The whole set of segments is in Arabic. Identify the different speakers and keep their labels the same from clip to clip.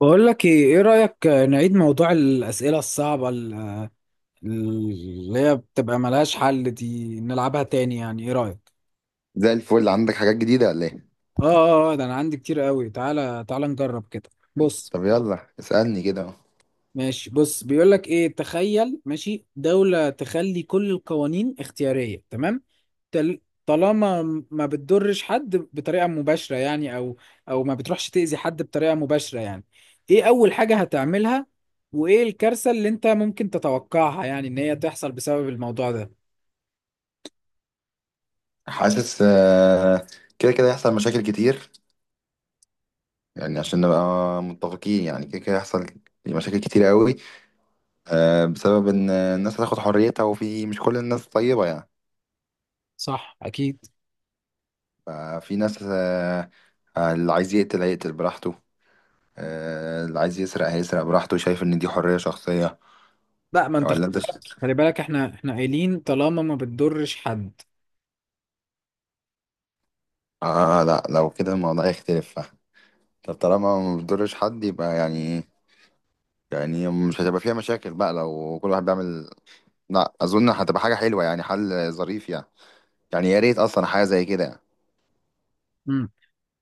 Speaker 1: بقول لك ايه، ايه رأيك نعيد موضوع الأسئلة الصعبة اللي هي بتبقى ملهاش حل دي، نلعبها تاني؟ يعني ايه رأيك؟
Speaker 2: زي الفل، عندك حاجات جديدة ولا ايه؟
Speaker 1: اه، اه، ده انا عندي كتير قوي، تعالى تعالى نجرب كده. بص.
Speaker 2: طب يلا اسألني كده اهو.
Speaker 1: ماشي، بص، بيقول لك ايه، تخيل ماشي دولة تخلي كل القوانين اختيارية، تمام؟ تل- طالما ما بتضرش حد بطريقة مباشرة يعني، او ما بتروحش تأذي حد بطريقة مباشرة يعني، ايه اول حاجة هتعملها؟ وايه الكارثة اللي انت ممكن تتوقعها يعني ان هي تحصل بسبب الموضوع ده؟
Speaker 2: حاسس كده كده يحصل مشاكل كتير، يعني عشان نبقى متفقين، يعني كده كده يحصل مشاكل كتير قوي بسبب ان الناس هتاخد حريتها وفي مش كل الناس طيبة يعني.
Speaker 1: صح، اكيد.
Speaker 2: ففي ناس، اللي عايز يقتل هيقتل براحته، اللي عايز يسرق هيسرق براحته، شايف ان دي حرية شخصية.
Speaker 1: لا، ما انت خلي
Speaker 2: ولا انت
Speaker 1: بالك خلي بالك، احنا قايلين طالما ما بتضرش حد.
Speaker 2: لا لو كده الموضوع يختلف. طب طالما ما بتضرش حد يبقى يعني، يعني مش هتبقى فيها مشاكل بقى لو كل واحد بيعمل. لا اظن هتبقى حاجه حلوه يعني، حل ظريف يعني، يعني يا ريت اصلا حاجه زي كده يعني.
Speaker 1: إمم.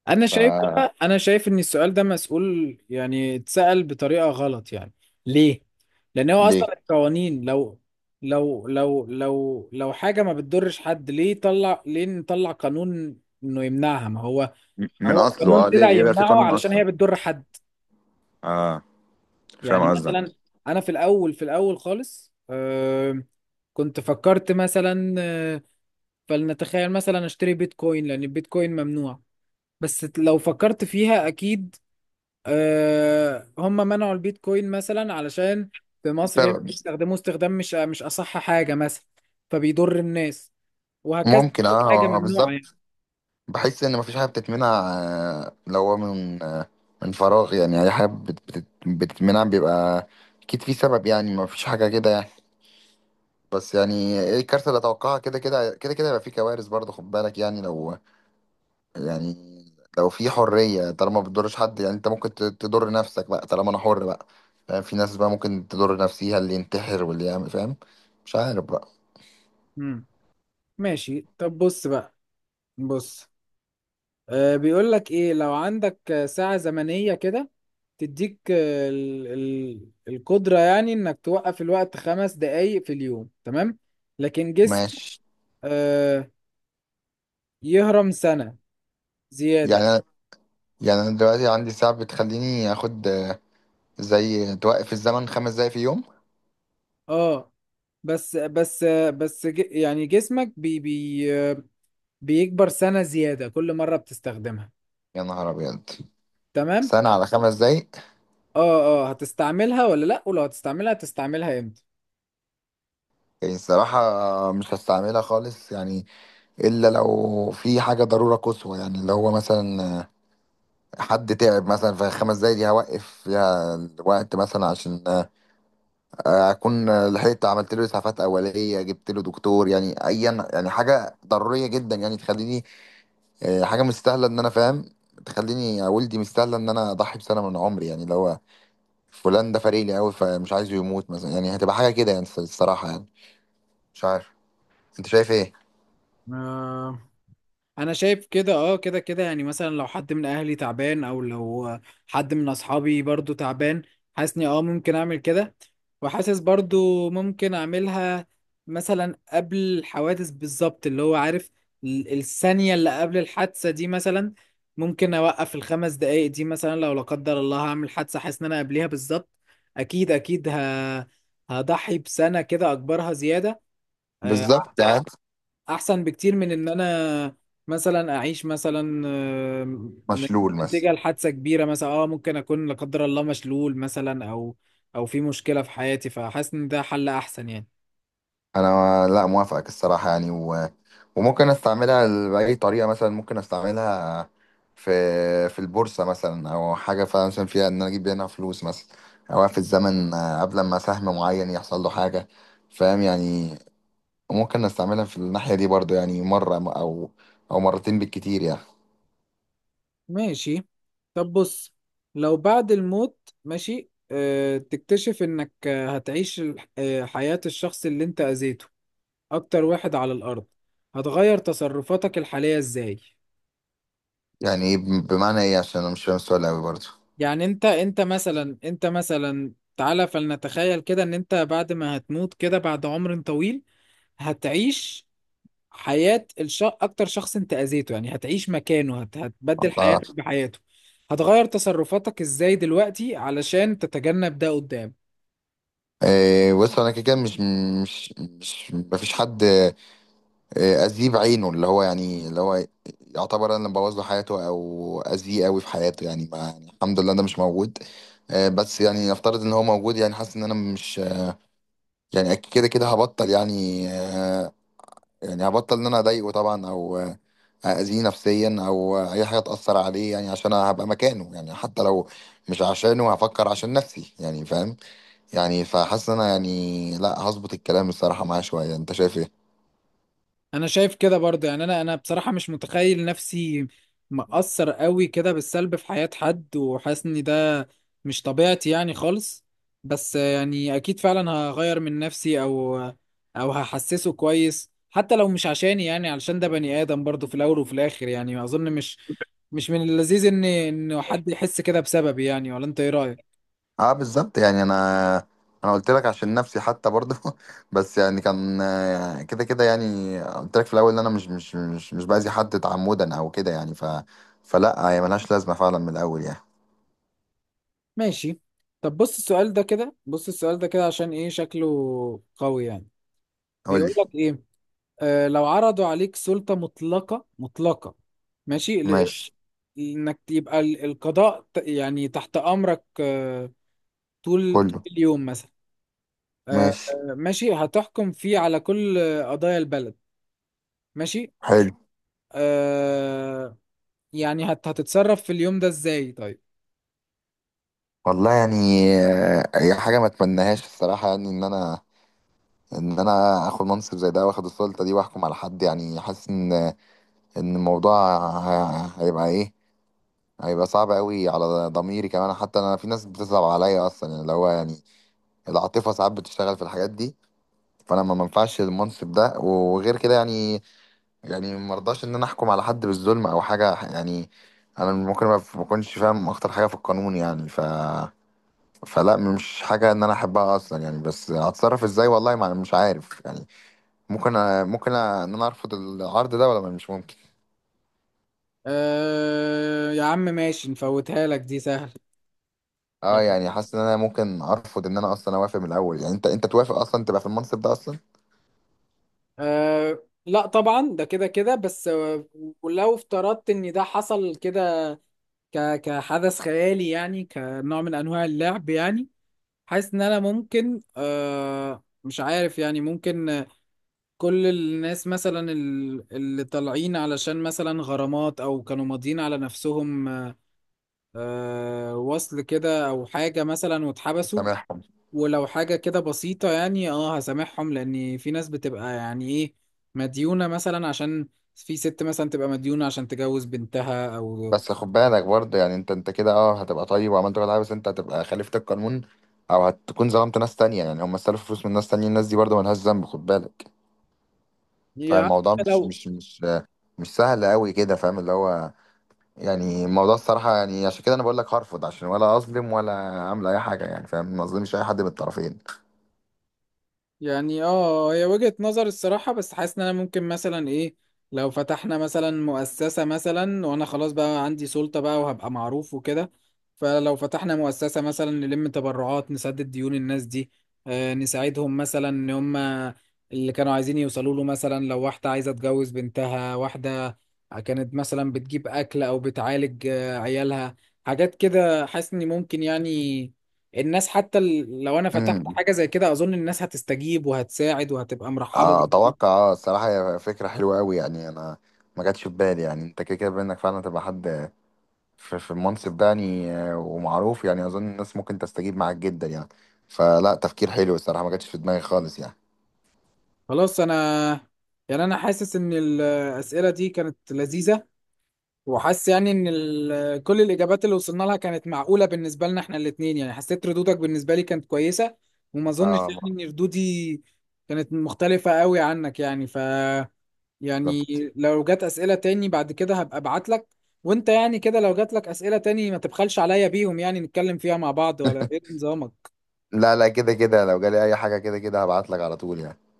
Speaker 2: ف
Speaker 1: انا شايف ان السؤال ده مسؤول، يعني اتسأل بطريقة غلط يعني. ليه؟ لان هو اصلا
Speaker 2: ليه.
Speaker 1: القوانين، لو لو حاجة ما بتضرش حد، ليه طلع، ليه نطلع قانون انه يمنعها؟ ما هو
Speaker 2: من
Speaker 1: هو
Speaker 2: اصله
Speaker 1: القانون
Speaker 2: اه، ليه
Speaker 1: طلع
Speaker 2: ليه يبقى في
Speaker 1: يمنعه
Speaker 2: قانون
Speaker 1: علشان هي
Speaker 2: اصلا.
Speaker 1: بتضر حد.
Speaker 2: اه فاهم
Speaker 1: يعني مثلا
Speaker 2: قصدك.
Speaker 1: انا في الاول خالص، كنت فكرت مثلا، فلنتخيل مثلا اشتري بيتكوين لان البيتكوين ممنوع. بس لو فكرت فيها اكيد، هم منعوا البيتكوين مثلا علشان في مصر هنا
Speaker 2: سبب،
Speaker 1: بيستخدموه استخدام مش اصح حاجه مثلا، فبيضر الناس، وهكذا،
Speaker 2: ممكن اه.
Speaker 1: حاجه
Speaker 2: هو
Speaker 1: ممنوعه يعني.
Speaker 2: بالظبط. بحس ان مفيش حاجه بتتمنع، لو هو من من فراغ يعني، اي حاجه بتتمنع بيبقى اكيد في سبب يعني، مفيش حاجه كده يعني. بس يعني ايه الكارثه اللي اتوقعها؟ كده كده كده كده هيبقى في كوارث برضه، خد بالك يعني. لو يعني لو في حرية طالما ما بتضرش حد، يعني انت ممكن تضر نفسك بقى طالما انا حر بقى. فاهم، في ناس بقى ممكن تضر نفسيها، اللي ينتحر واللي يعمل، فاهم. مش عارف بقى.
Speaker 1: مم. ماشي، طب بص بقى. بص بيقول لك ايه، لو عندك ساعه زمنيه كده تديك ال القدره، يعني انك توقف الوقت 5 دقايق في اليوم، تمام؟ لكن جسم،
Speaker 2: ماشي.
Speaker 1: آه، يهرم سنه
Speaker 2: يعني
Speaker 1: زياده.
Speaker 2: انا، يعني انا دلوقتي عندي ساعة بتخليني اخد زي توقف الزمن خمس دقايق في يوم.
Speaker 1: اه، بس بس بس يعني جسمك بي بي بيكبر سنة زيادة كل مرة بتستخدمها.
Speaker 2: يا نهار ابيض،
Speaker 1: تمام.
Speaker 2: سنة على خمس دقايق؟
Speaker 1: اه، اه، هتستعملها ولا لا؟ ولو هتستعملها، هتستعملها
Speaker 2: يعني الصراحة مش هستعملها خالص يعني، إلا لو في حاجة ضرورة قصوى يعني، اللي هو مثلا حد تعب مثلا، في خمس دقايق دي هوقف فيها الوقت مثلا عشان اكون لحقت عملت له اسعافات اوليه، جبت له دكتور يعني، ايا يعني حاجه ضروريه جدا يعني، تخليني حاجه مستاهله ان انا فاهم، تخليني يا والدي مستاهله ان انا اضحي بسنه من عمري، يعني اللي هو فلان ده فارق لي قوي فمش عايزه يموت مثلا، يعني هتبقى حاجه كده يعني الصراحه يعني. مش عارف، انت شايف ايه؟
Speaker 1: امتى؟ انا شايف كده، اه، كده كده يعني، مثلا لو حد من اهلي تعبان، او لو حد من اصحابي برضو تعبان، حاسني اه ممكن اعمل كده. وحاسس برضو ممكن اعملها مثلا قبل الحوادث بالظبط، اللي هو عارف الثانية اللي قبل الحادثة دي مثلا، ممكن اوقف الخمس دقايق دي مثلا. لو لا قدر الله هعمل حادثة حاسس ان انا قبليها بالظبط، اكيد اكيد هضحي بسنة كده، اكبرها زيادة. آه،
Speaker 2: بالظبط. قاعد.
Speaker 1: احسن بكتير من ان انا مثلا اعيش مثلا، آم،
Speaker 2: مشلول مثلا.
Speaker 1: نتيجة لحادثة كبيرة مثلا. اه، ممكن اكون لا قدر الله مشلول مثلا، او في مشكلة في حياتي، فحاسس ان ده حل احسن يعني.
Speaker 2: انا لا موافقك الصراحه يعني، و... وممكن استعملها باي طريقه، مثلا ممكن استعملها في البورصه مثلا، او حاجه فعلا مثلا فيها ان انا اجيب منها فلوس مثلا، او في الزمن قبل ما سهم معين يحصل له حاجه، فاهم يعني. ممكن استعملها في الناحيه دي برضو يعني، مره او او مرتين بالكتير يعني.
Speaker 1: ماشي، طب بص، لو بعد الموت ماشي، تكتشف انك هتعيش حياة الشخص اللي انت اذيته اكتر واحد على الارض، هتغير تصرفاتك الحالية ازاي؟
Speaker 2: يعني إيه بمعنى ايه؟ عشان انا مش فاهم السؤال قوي برضو.
Speaker 1: يعني انت، انت مثلا تعالى فلنتخيل كده، ان انت بعد ما هتموت كده، بعد عمر طويل، هتعيش حياة اكتر شخص انت اذيته، يعني هتعيش مكانه، هتبدل
Speaker 2: الله.
Speaker 1: حياتك بحياته. هتغير تصرفاتك ازاي دلوقتي علشان تتجنب ده قدام؟
Speaker 2: إيه، بص انا كده كده مش مفيش حد اذيه بعينه، اللي هو يعني، اللي هو يعتبر انا اللي مبوظ له حياته او اذيه قوي في حياته يعني، ما يعني الحمد لله انا مش موجود بس يعني نفترض ان هو موجود يعني، حاسس ان انا مش، يعني أكيد كده كده هبطل يعني، يعني هبطل ان انا اضايقه طبعا، او اذيه نفسيا او اي حاجه تاثر عليه يعني عشان أنا هبقى مكانه يعني، حتى لو مش عشانه هفكر عشان نفسي يعني، فاهم يعني. فحاسس ان انا يعني لا هظبط الكلام الصراحه معاه شويه. انت شايف ايه؟
Speaker 1: انا شايف كده برضه يعني، انا بصراحه مش متخيل نفسي مأثر قوي كده بالسلب في حياه حد، وحاسس ان ده مش طبيعتي يعني خالص. بس يعني اكيد فعلا هغير من نفسي، او هحسسه كويس، حتى لو مش عشاني، يعني علشان ده بني ادم برضه في الاول وفي الاخر. يعني اظن مش مش من اللذيذ ان حد يحس كده بسببي يعني. ولا انت ايه رايك؟
Speaker 2: اه بالظبط يعني، انا قلت لك عشان نفسي حتى برضه بس يعني كان كده كده يعني، قلت لك في الاول ان انا مش باذي حد تعمدا او كده يعني، ف فلا هي ملهاش لازمه فعلا من الاول يعني.
Speaker 1: ماشي طب. بص السؤال ده كده عشان ايه شكله قوي يعني.
Speaker 2: قول لي.
Speaker 1: بيقول لك ايه، لو عرضوا عليك سلطة مطلقة مطلقة، ماشي،
Speaker 2: ماشي.
Speaker 1: انك يبقى القضاء يعني تحت امرك، طول طول
Speaker 2: كله.
Speaker 1: اليوم مثلا، آه،
Speaker 2: ماشي.
Speaker 1: ماشي هتحكم فيه على كل قضايا البلد، ماشي،
Speaker 2: حلو.
Speaker 1: آه، يعني هتتصرف في اليوم ده ازاي، طيب؟
Speaker 2: والله يعني هي حاجه ما اتمناهاش الصراحه يعني، ان انا ان انا اخد منصب زي ده واخد السلطه دي واحكم على حد، يعني حاسس ان ان الموضوع هيبقى ايه، هيبقى صعب قوي على ضميري كمان، حتى انا في ناس بتصعب عليا اصلا يعني، اللي هو يعني العاطفه ساعات بتشتغل في الحاجات دي. فانا ما منفعش المنصب ده وغير كده يعني، يعني مرضاش ان انا احكم على حد بالظلم او حاجه يعني، انا ممكن ما اكونش فاهم اكتر حاجه في القانون يعني. ف فلا مش حاجه ان انا احبها اصلا يعني، بس هتصرف ازاي والله ما مش عارف يعني. ممكن ممكن ان انا ارفض العرض ده ولا مش ممكن؟
Speaker 1: يا عم، ماشي نفوتها لك، دي سهل.
Speaker 2: اه
Speaker 1: يعني
Speaker 2: يعني حاسس ان انا ممكن ارفض ان انا اصلا اوافق من الاول يعني. انت انت توافق اصلا تبقى في المنصب ده اصلا؟
Speaker 1: لا طبعا ده كده كده، بس ولو افترضت ان ده حصل كده كحدث خيالي يعني، كنوع من انواع اللعب يعني، حاسس ان انا ممكن، مش عارف يعني، ممكن كل الناس مثلا اللي طالعين علشان مثلا غرامات، او كانوا ماضيين على نفسهم، وصل كده او حاجة مثلا واتحبسوا،
Speaker 2: سامحهم.
Speaker 1: ولو حاجة كده بسيطة يعني، اه هسامحهم، لان في ناس بتبقى يعني ايه، مديونة مثلا، عشان في ست مثلا تبقى مديونة عشان تجوز بنتها، او
Speaker 2: بس خد بالك برضه يعني، انت انت كده اه هتبقى طيب وعملت كل حاجه، بس انت هتبقى خالفت القانون، او هتكون ظلمت ناس تانية، يعني هم استلفوا فلوس من ناس تانية، الناس دي برضه ملهاش ذنب، خد بالك.
Speaker 1: يعني،
Speaker 2: فالموضوع مش
Speaker 1: لو
Speaker 2: مش مش مش سهل قوي كده، فاهم اللي هو، يعني الموضوع الصراحه يعني، عشان كده انا بقول لك هرفض، عشان ولا اظلم ولا اعمل اي حاجه يعني، فاهم، ما اظلمش اي حد من الطرفين.
Speaker 1: يعني اه، هي وجهة نظر الصراحة. بس حاسس ان انا ممكن مثلا، ايه، لو فتحنا مثلا مؤسسة مثلا وانا خلاص بقى عندي سلطة بقى وهبقى معروف وكده، فلو فتحنا مؤسسة مثلا نلم تبرعات نسدد ديون الناس دي، آه نساعدهم مثلا ان هم اللي كانوا عايزين يوصلوا له، مثلا لو واحدة عايزة تجوز بنتها، واحدة كانت مثلا بتجيب اكل او بتعالج عيالها، حاجات كده، حاسس اني ممكن يعني الناس حتى، لو انا فتحت حاجه زي كده اظن الناس هتستجيب وهتساعد وهتبقى مرحبه
Speaker 2: اه
Speaker 1: جدا.
Speaker 2: اتوقع، اه الصراحه هي فكره حلوه قوي يعني، انا ما جاتش في بالي يعني، انت كده كده بانك فعلا تبقى حد في, في المنصب ده يعني ومعروف، يعني اظن الناس ممكن تستجيب معاك جدا يعني. فلا تفكير حلو الصراحه، ما جاتش في دماغي خالص يعني.
Speaker 1: خلاص، انا يعني انا حاسس ان الاسئله دي كانت لذيذه، وحاسس يعني ان كل الاجابات اللي وصلنا لها كانت معقوله بالنسبه لنا احنا الاثنين. يعني حسيت ردودك بالنسبه لي كانت كويسه، وما اظنش يعني
Speaker 2: اه
Speaker 1: ان ردودي كانت مختلفه قوي عنك يعني. ف، يعني
Speaker 2: بالظبط.
Speaker 1: لو جت اسئله تاني بعد كده هبقى ابعت لك، وانت يعني كده لو جات لك اسئله تاني ما تبخلش عليا بيهم، يعني نتكلم فيها مع بعض، ولا ايه نظامك؟
Speaker 2: لا لا، كده كده لو جالي اي حاجه كده كده هبعت لك على طول يعني.